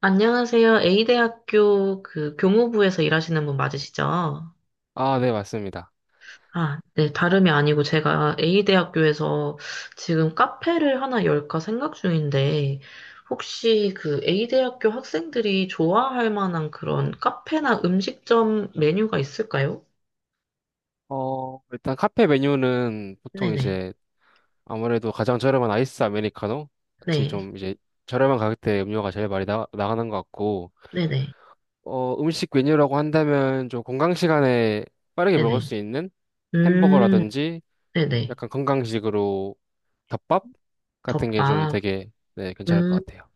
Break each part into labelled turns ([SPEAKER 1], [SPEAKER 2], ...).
[SPEAKER 1] 안녕하세요. A대학교 그 교무부에서 일하시는 분 맞으시죠?
[SPEAKER 2] 아, 네, 맞습니다.
[SPEAKER 1] 아, 네, 다름이 아니고 제가 A대학교에서 지금 카페를 하나 열까 생각 중인데, 혹시 그 A대학교 학생들이 좋아할 만한 그런 카페나 음식점 메뉴가 있을까요?
[SPEAKER 2] 일단 카페 메뉴는 보통
[SPEAKER 1] 네네,
[SPEAKER 2] 이제 아무래도 가장 저렴한 아이스 아메리카노 같이
[SPEAKER 1] 네,
[SPEAKER 2] 좀 이제 저렴한 가격대 음료가 제일 많이 나가는 것 같고,
[SPEAKER 1] 네네,
[SPEAKER 2] 음식 메뉴라고 한다면 좀 건강 시간에 빠르게 먹을
[SPEAKER 1] 네네.
[SPEAKER 2] 수 있는
[SPEAKER 1] 음,
[SPEAKER 2] 햄버거라든지
[SPEAKER 1] 네네.
[SPEAKER 2] 약간 건강식으로 덮밥 같은 게 좀
[SPEAKER 1] 덮밥.
[SPEAKER 2] 되게 네, 괜찮을 것
[SPEAKER 1] 음.
[SPEAKER 2] 같아요.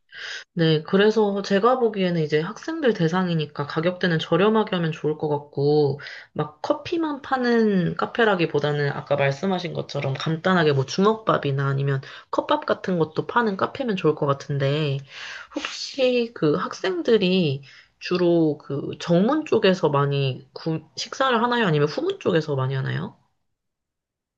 [SPEAKER 1] 네, 그래서 제가 보기에는 이제 학생들 대상이니까 가격대는 저렴하게 하면 좋을 것 같고, 막 커피만 파는 카페라기보다는 아까 말씀하신 것처럼 간단하게 뭐 주먹밥이나 아니면 컵밥 같은 것도 파는 카페면 좋을 것 같은데, 혹시 그 학생들이 주로 그 정문 쪽에서 많이 식사를 하나요? 아니면 후문 쪽에서 많이 하나요?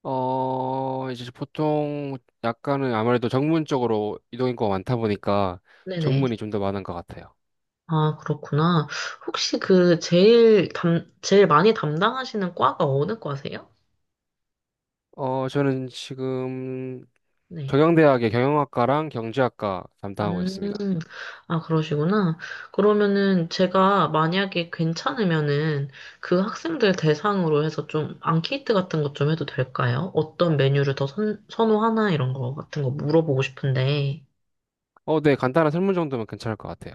[SPEAKER 2] 이제 보통 약간은 아무래도 정문 쪽으로 이동 인구가 많다 보니까
[SPEAKER 1] 네네.
[SPEAKER 2] 정문이 좀 더 많은 것 같아요.
[SPEAKER 1] 아, 그렇구나. 혹시 그 제일 많이 담당하시는 과가 어느 과세요?
[SPEAKER 2] 저는 지금
[SPEAKER 1] 네.
[SPEAKER 2] 경영대학의 경영학과랑 경제학과 담당하고 있습니다.
[SPEAKER 1] 음, 아, 그러시구나. 그러면은 제가 만약에 괜찮으면은 그 학생들 대상으로 해서 좀 앙케이트 같은 것 좀 해도 될까요? 어떤 메뉴를 더 선호하나 이런 거 같은 거 물어보고 싶은데.
[SPEAKER 2] 어, 네, 간단한 설문 정도면 괜찮을 것 같아요.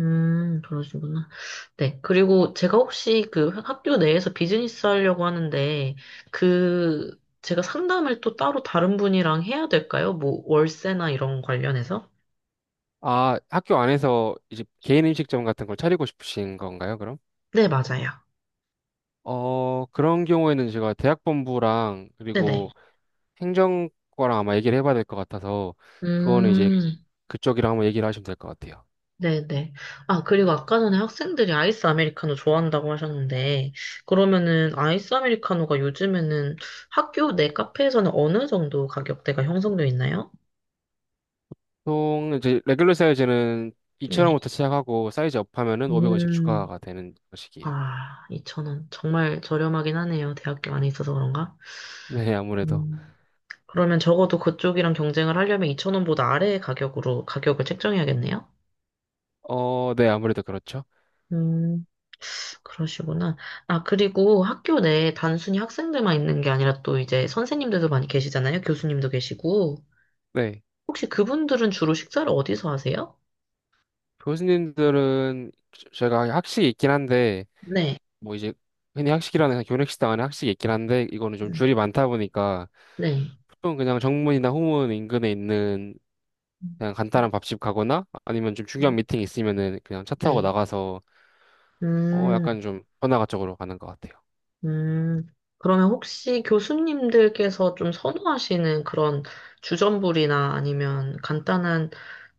[SPEAKER 1] 그러시구나. 네. 그리고 제가 혹시 그 학교 내에서 비즈니스 하려고 하는데 그 제가 상담을 또 따로 다른 분이랑 해야 될까요? 뭐 월세나 이런 관련해서?
[SPEAKER 2] 아, 학교 안에서 이제 개인 음식점 같은 걸 차리고 싶으신 건가요, 그럼?
[SPEAKER 1] 네, 맞아요.
[SPEAKER 2] 그런 경우에는 제가 대학본부랑
[SPEAKER 1] 네네.
[SPEAKER 2] 그리고 행정과랑 아마 얘기를 해봐야 될 것 같아서 그거는 이제
[SPEAKER 1] 음.
[SPEAKER 2] 그쪽이랑 한번 얘기를 하시면 될 것 같아요.
[SPEAKER 1] 네네. 아, 그리고 아까 전에 학생들이 아이스 아메리카노 좋아한다고 하셨는데, 그러면은 아이스 아메리카노가 요즘에는 학교 내 카페에서는 어느 정도 가격대가 형성되어 있나요?
[SPEAKER 2] 보통 이제 레귤러 사이즈는
[SPEAKER 1] 네.
[SPEAKER 2] 2,000원부터 시작하고 사이즈 업하면은 500원씩
[SPEAKER 1] 음,
[SPEAKER 2] 추가가 되는 것이에요.
[SPEAKER 1] 아, 2,000원. 정말 저렴하긴 하네요. 대학교 안에 있어서 그런가?
[SPEAKER 2] 네, 아무래도.
[SPEAKER 1] 음, 그러면 적어도 그쪽이랑 경쟁을 하려면 2,000원보다 아래의 가격으로 가격을 책정해야겠네요?
[SPEAKER 2] 어, 네, 아무래도 그렇죠.
[SPEAKER 1] 음. 그러시구나. 아, 그리고 학교 내에 단순히 학생들만 있는 게 아니라 또 이제 선생님들도 많이 계시잖아요. 교수님도 계시고.
[SPEAKER 2] 네.
[SPEAKER 1] 혹시 그분들은 주로 식사를 어디서 하세요?
[SPEAKER 2] 교수님들은 저희가 학식이 있긴 한데
[SPEAKER 1] 네.
[SPEAKER 2] 뭐 이제 흔히 학식이라는 교내식당 안에 학식이 있긴 한데 이거는 좀
[SPEAKER 1] 음,
[SPEAKER 2] 줄이 많다 보니까
[SPEAKER 1] 네.
[SPEAKER 2] 보통 그냥 정문이나 후문 인근에 있는 그냥 간단한 밥집 가거나 아니면 좀 중요한 미팅 있으면은 그냥 차 타고
[SPEAKER 1] 네.
[SPEAKER 2] 나가서 어
[SPEAKER 1] 음,
[SPEAKER 2] 약간 좀 번화가 쪽으로 가는 것 같아요.
[SPEAKER 1] 음. 그러면 혹시 교수님들께서 좀 선호하시는 그런 주전부리나 아니면 간단한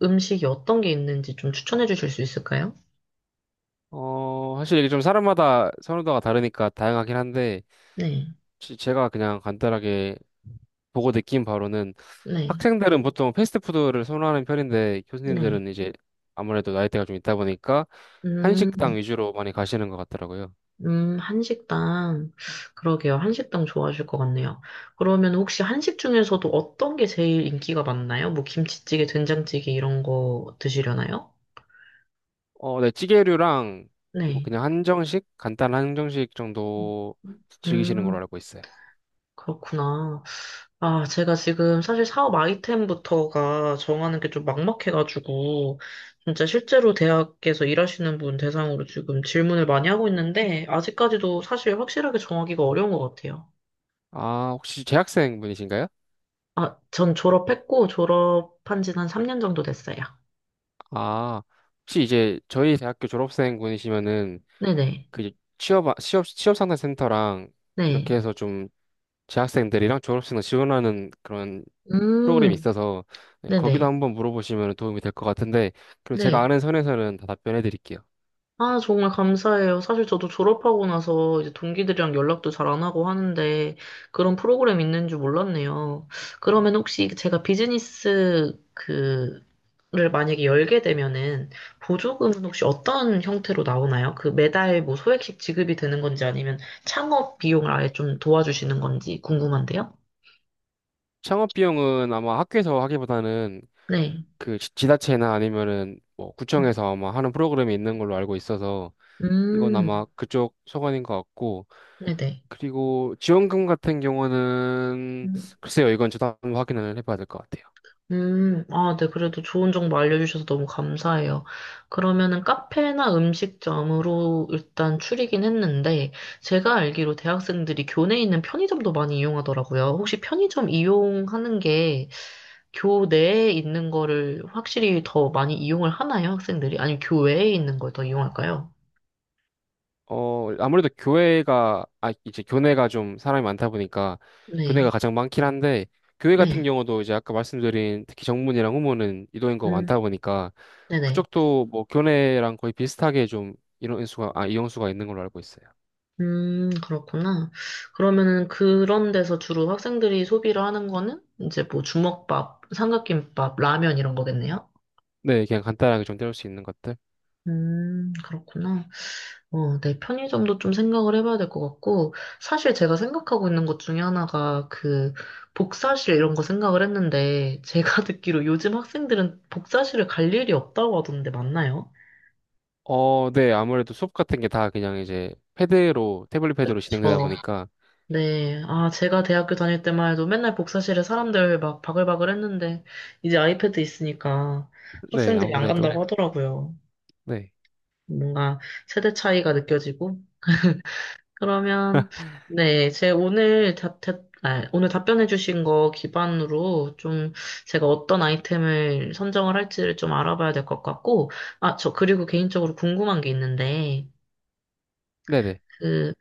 [SPEAKER 1] 음식이 어떤 게 있는지 좀 추천해 주실 수 있을까요?
[SPEAKER 2] 사실 이게 좀 사람마다 선호도가 다르니까 다양하긴 한데,
[SPEAKER 1] 네.
[SPEAKER 2] 제가 그냥 간단하게 보고 느낀 바로는
[SPEAKER 1] 네.
[SPEAKER 2] 학생들은 보통 패스트푸드를 선호하는 편인데,
[SPEAKER 1] 네.
[SPEAKER 2] 교수님들은 이제 아무래도 나이대가 좀 있다 보니까
[SPEAKER 1] 음.
[SPEAKER 2] 한식당 위주로 많이 가시는 것 같더라고요.
[SPEAKER 1] 한식당. 그러게요. 한식당 좋아하실 것 같네요. 그러면 혹시 한식 중에서도 어떤 게 제일 인기가 많나요? 뭐 김치찌개, 된장찌개 이런 거 드시려나요?
[SPEAKER 2] 어, 네, 찌개류랑 그리고
[SPEAKER 1] 네.
[SPEAKER 2] 그냥 한정식, 간단한 한정식 정도 즐기시는
[SPEAKER 1] 음,
[SPEAKER 2] 걸로 알고 있어요.
[SPEAKER 1] 그렇구나. 아, 제가 지금 사실 사업 아이템부터가 정하는 게 좀 막막해가지고, 진짜 실제로 대학에서 일하시는 분 대상으로 지금 질문을 많이 하고 있는데, 아직까지도 사실 확실하게 정하기가 어려운 것 같아요.
[SPEAKER 2] 아, 혹시 재학생 분이신가요?
[SPEAKER 1] 아, 전 졸업했고, 졸업한 지는 한 3년 정도 됐어요.
[SPEAKER 2] 아, 혹시 이제 저희 대학교 졸업생 분이시면은
[SPEAKER 1] 네네.
[SPEAKER 2] 그 취업 상담 센터랑 이렇게
[SPEAKER 1] 네.
[SPEAKER 2] 해서 좀 재학생들이랑 졸업생을 지원하는 그런
[SPEAKER 1] 음,
[SPEAKER 2] 프로그램이 있어서 네, 거기도
[SPEAKER 1] 네네.
[SPEAKER 2] 한번 물어보시면 도움이 될 것 같은데 그리고 제가
[SPEAKER 1] 네.
[SPEAKER 2] 아는 선에서는 다 답변해 드릴게요.
[SPEAKER 1] 아, 정말 감사해요. 사실 저도 졸업하고 나서 이제 동기들이랑 연락도 잘 안 하고 하는데 그런 프로그램 있는 줄 몰랐네요. 그러면 혹시 제가 비즈니스 그를 만약에 열게 되면은 보조금은 혹시 어떤 형태로 나오나요? 그 매달 뭐 소액씩 지급이 되는 건지 아니면 창업 비용을 아예 좀 도와주시는 건지 궁금한데요?
[SPEAKER 2] 창업 비용은 아마 학교에서 하기보다는
[SPEAKER 1] 네.
[SPEAKER 2] 그 지자체나 아니면은 뭐
[SPEAKER 1] 음,
[SPEAKER 2] 구청에서 아마 하는 프로그램이 있는 걸로 알고 있어서 이건
[SPEAKER 1] 음,
[SPEAKER 2] 아마 그쪽 소관인 것 같고
[SPEAKER 1] 네네.
[SPEAKER 2] 그리고 지원금 같은 경우는
[SPEAKER 1] 음,
[SPEAKER 2] 글쎄요 이건 저도 한번 확인을 해봐야 될 것 같아요.
[SPEAKER 1] 아, 네. 그래도 좋은 정보 알려주셔서 너무 감사해요. 그러면은 카페나 음식점으로 일단 추리긴 했는데, 제가 알기로 대학생들이 교내에 있는 편의점도 많이 이용하더라고요. 혹시 편의점 이용하는 게 교내에 있는 거를 확실히 더 많이 이용을 하나요, 학생들이? 아니면 교외에 있는 걸 더 이용할까요?
[SPEAKER 2] 어, 아무래도 교회가, 아, 이제 교내가 좀 사람이 많다 보니까 교내가
[SPEAKER 1] 네,
[SPEAKER 2] 가장 많긴 한데, 교회 같은
[SPEAKER 1] 네,
[SPEAKER 2] 경우도 이제 아까 말씀드린 특히 정문이랑 후문은 이도인구가
[SPEAKER 1] 음,
[SPEAKER 2] 많다 보니까
[SPEAKER 1] 네네.
[SPEAKER 2] 그쪽도 뭐 교내랑 거의 비슷하게 좀 이용수가 있는 걸로 알고 있어요.
[SPEAKER 1] 그렇구나. 그러면은 그런 데서 주로 학생들이 소비를 하는 거는 이제 뭐 주먹밥, 삼각김밥, 라면 이런 거겠네요?
[SPEAKER 2] 네, 그냥 간단하게 좀 때울 수 있는 것들.
[SPEAKER 1] 그렇구나. 어, 네, 편의점도 좀 생각을 해봐야 될 것 같고, 사실 제가 생각하고 있는 것 중에 하나가 그 복사실 이런 거 생각을 했는데, 제가 듣기로 요즘 학생들은 복사실을 갈 일이 없다고 하던데 맞나요?
[SPEAKER 2] 어, 네, 아무래도 수업 같은 게 다 그냥 이제 패드로, 태블릿 패드로 진행되다
[SPEAKER 1] 저,
[SPEAKER 2] 보니까,
[SPEAKER 1] 네. 아, 제가 대학교 다닐 때만 해도 맨날 복사실에 사람들 막 바글바글 했는데, 이제 아이패드 있으니까
[SPEAKER 2] 네,
[SPEAKER 1] 학생들이 안
[SPEAKER 2] 아무래도,
[SPEAKER 1] 간다고 하더라고요.
[SPEAKER 2] 네,
[SPEAKER 1] 뭔가 세대 차이가 느껴지고. 그러면, 네. 제 오늘 답, 답- 아, 오늘 답변해주신 거 기반으로 좀 제가 어떤 아이템을 선정을 할지를 좀 알아봐야 될 것 같고, 아, 저 그리고 개인적으로 궁금한 게 있는데,
[SPEAKER 2] 네네.
[SPEAKER 1] 그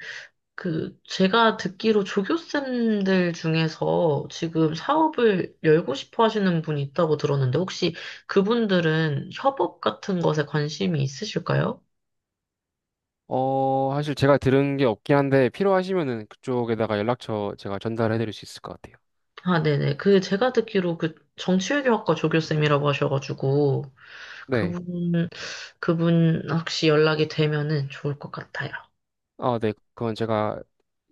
[SPEAKER 1] 제가 듣기로 조교쌤들 중에서 지금 사업을 열고 싶어 하시는 분이 있다고 들었는데, 혹시 그분들은 협업 같은 것에 관심이 있으실까요?
[SPEAKER 2] 사실 제가 들은 게 없긴 한데 필요하시면은 그쪽에다가 연락처 제가 전달해 드릴 수 있을 것 같아요.
[SPEAKER 1] 아, 네네. 그, 제가 듣기로 그 정치외교학과 조교쌤이라고 하셔가지고,
[SPEAKER 2] 네.
[SPEAKER 1] 그분, 그분 혹시 연락이 되면은 좋을 것 같아요.
[SPEAKER 2] 아, 네. 그건 제가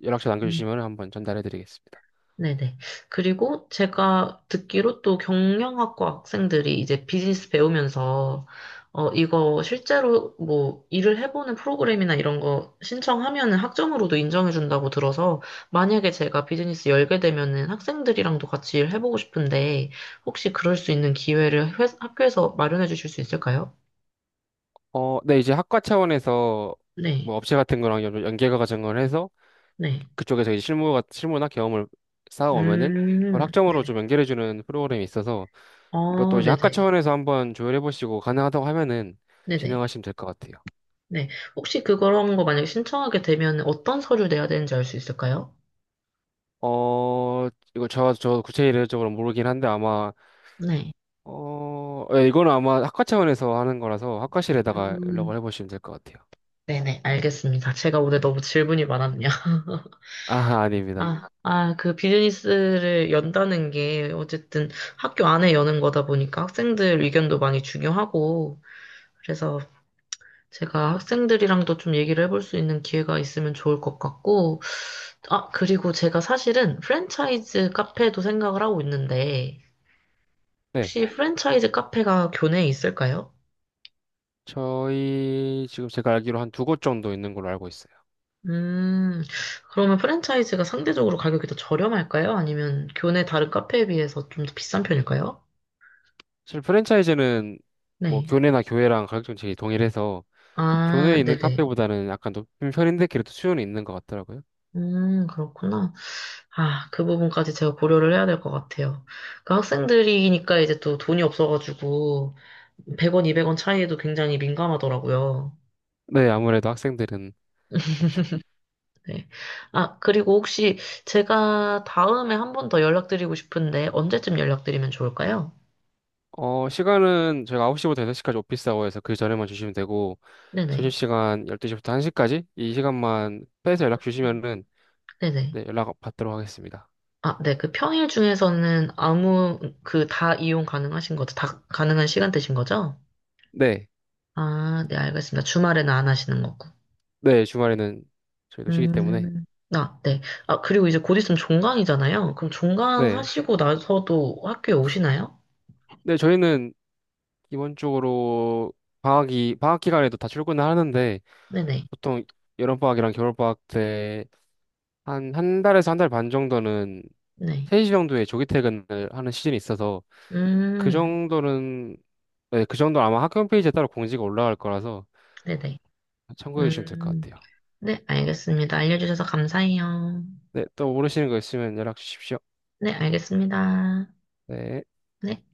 [SPEAKER 2] 연락처 남겨주시면 한번 전달해 드리겠습니다.
[SPEAKER 1] 네네. 그리고 제가 듣기로 또 경영학과 학생들이 이제 비즈니스 배우면서, 어, 이거 실제로 뭐 일을 해보는 프로그램이나 이런 거 신청하면은 학점으로도 인정해준다고 들어서, 만약에 제가 비즈니스 열게 되면은 학생들이랑도 같이 일해보고 싶은데, 혹시 그럴 수 있는 기회를 학교에서 마련해 주실 수 있을까요?
[SPEAKER 2] 어, 네. 이제 학과 차원에서
[SPEAKER 1] 네,
[SPEAKER 2] 뭐 업체 같은 거랑 연계가 과정을 해서
[SPEAKER 1] 네.
[SPEAKER 2] 그쪽에서 이제 실무가 실무나 경험을 쌓아오면은 그걸 학점으로
[SPEAKER 1] 네네.
[SPEAKER 2] 좀 연결해주는 프로그램이 있어서 이것도
[SPEAKER 1] 어,
[SPEAKER 2] 이제 학과
[SPEAKER 1] 네네.
[SPEAKER 2] 차원에서 한번 조율해보시고 가능하다고 하면은
[SPEAKER 1] 네네.
[SPEAKER 2] 진행하시면 될 것 같아요.
[SPEAKER 1] 네. 혹시 그런 거 만약에 신청하게 되면 어떤 서류 내야 되는지 알 수 있을까요?
[SPEAKER 2] 어, 이거 저 구체적으로 모르긴 한데 아마,
[SPEAKER 1] 네.
[SPEAKER 2] 어, 예, 이거는 아마 학과 차원에서 하는 거라서 학과실에다가
[SPEAKER 1] 음,
[SPEAKER 2] 연락을 해보시면 될 것 같아요.
[SPEAKER 1] 네네, 알겠습니다. 제가 오늘 너무 질문이 많았네요.
[SPEAKER 2] 아, 아닙니다.
[SPEAKER 1] 아, 아, 그 비즈니스를 연다는 게 어쨌든 학교 안에 여는 거다 보니까 학생들 의견도 많이 중요하고, 그래서 제가 학생들이랑도 좀 얘기를 해볼 수 있는 기회가 있으면 좋을 것 같고, 아, 그리고 제가 사실은 프랜차이즈 카페도 생각을 하고 있는데,
[SPEAKER 2] 네.
[SPEAKER 1] 혹시 프랜차이즈 카페가 교내에 있을까요?
[SPEAKER 2] 저희 지금 제가 알기로 한 두 곳 정도 있는 걸로 알고 있어요.
[SPEAKER 1] 음, 그러면 프랜차이즈가 상대적으로 가격이 더 저렴할까요? 아니면 교내 다른 카페에 비해서 좀 더 비싼 편일까요?
[SPEAKER 2] 사실 프랜차이즈는 뭐
[SPEAKER 1] 네.
[SPEAKER 2] 교내나 교회랑 가격 정책이 동일해서 교내에
[SPEAKER 1] 아,
[SPEAKER 2] 있는
[SPEAKER 1] 네네.
[SPEAKER 2] 카페보다는 약간 높은 편인데 그래도 수요는 있는 것 같더라고요.
[SPEAKER 1] 그렇구나. 아, 그 부분까지 제가 고려를 해야 될 것 같아요. 그 학생들이니까 이제 또 돈이 없어가지고 100원, 200원 차이에도 굉장히 민감하더라고요.
[SPEAKER 2] 네, 아무래도 학생들은 그렇죠.
[SPEAKER 1] 네. 아, 그리고 혹시 제가 다음에 한 번 더 연락드리고 싶은데 언제쯤 연락드리면 좋을까요?
[SPEAKER 2] 시간은 저희가 9시부터 6시까지 오피스 아워에서 그 전에만 주시면 되고
[SPEAKER 1] 네네.
[SPEAKER 2] 점심시간 12시부터 1시까지 이 시간만 빼서 연락 주시면은
[SPEAKER 1] 네네.
[SPEAKER 2] 네, 연락 받도록 하겠습니다.
[SPEAKER 1] 아, 네. 그 평일 중에서는 그 다 이용 가능하신 거죠? 다 가능한 시간대신 거죠?
[SPEAKER 2] 네,
[SPEAKER 1] 아, 네, 알겠습니다. 주말에는 안 하시는 거고.
[SPEAKER 2] 네, 주말에는 저희도 쉬기 때문에
[SPEAKER 1] 음, 아, 네. 아, 그리고 이제 곧 있으면 종강이잖아요. 그럼 종강
[SPEAKER 2] 네,
[SPEAKER 1] 하시고 나서도 학교에 오시나요?
[SPEAKER 2] 네, 저희는 기본적으로 방학 기간에도 다 출근을 하는데
[SPEAKER 1] 네네.
[SPEAKER 2] 보통 여름방학이랑 겨울방학 때 한 한 달에서 한 달 반 정도는
[SPEAKER 1] 네.
[SPEAKER 2] 3시 정도에 조기 퇴근을 하는 시즌이 있어서 그
[SPEAKER 1] 음,
[SPEAKER 2] 정도는 네, 그 정도는 아마 학교 홈페이지에 따로 공지가 올라갈 거라서
[SPEAKER 1] 네네.
[SPEAKER 2] 참고해 주시면 될 것
[SPEAKER 1] 음,
[SPEAKER 2] 같아요.
[SPEAKER 1] 네, 알겠습니다. 알려주셔서 감사해요.
[SPEAKER 2] 네, 또 모르시는 거 있으면 연락 주십시오.
[SPEAKER 1] 네, 알겠습니다.
[SPEAKER 2] 네.
[SPEAKER 1] 네.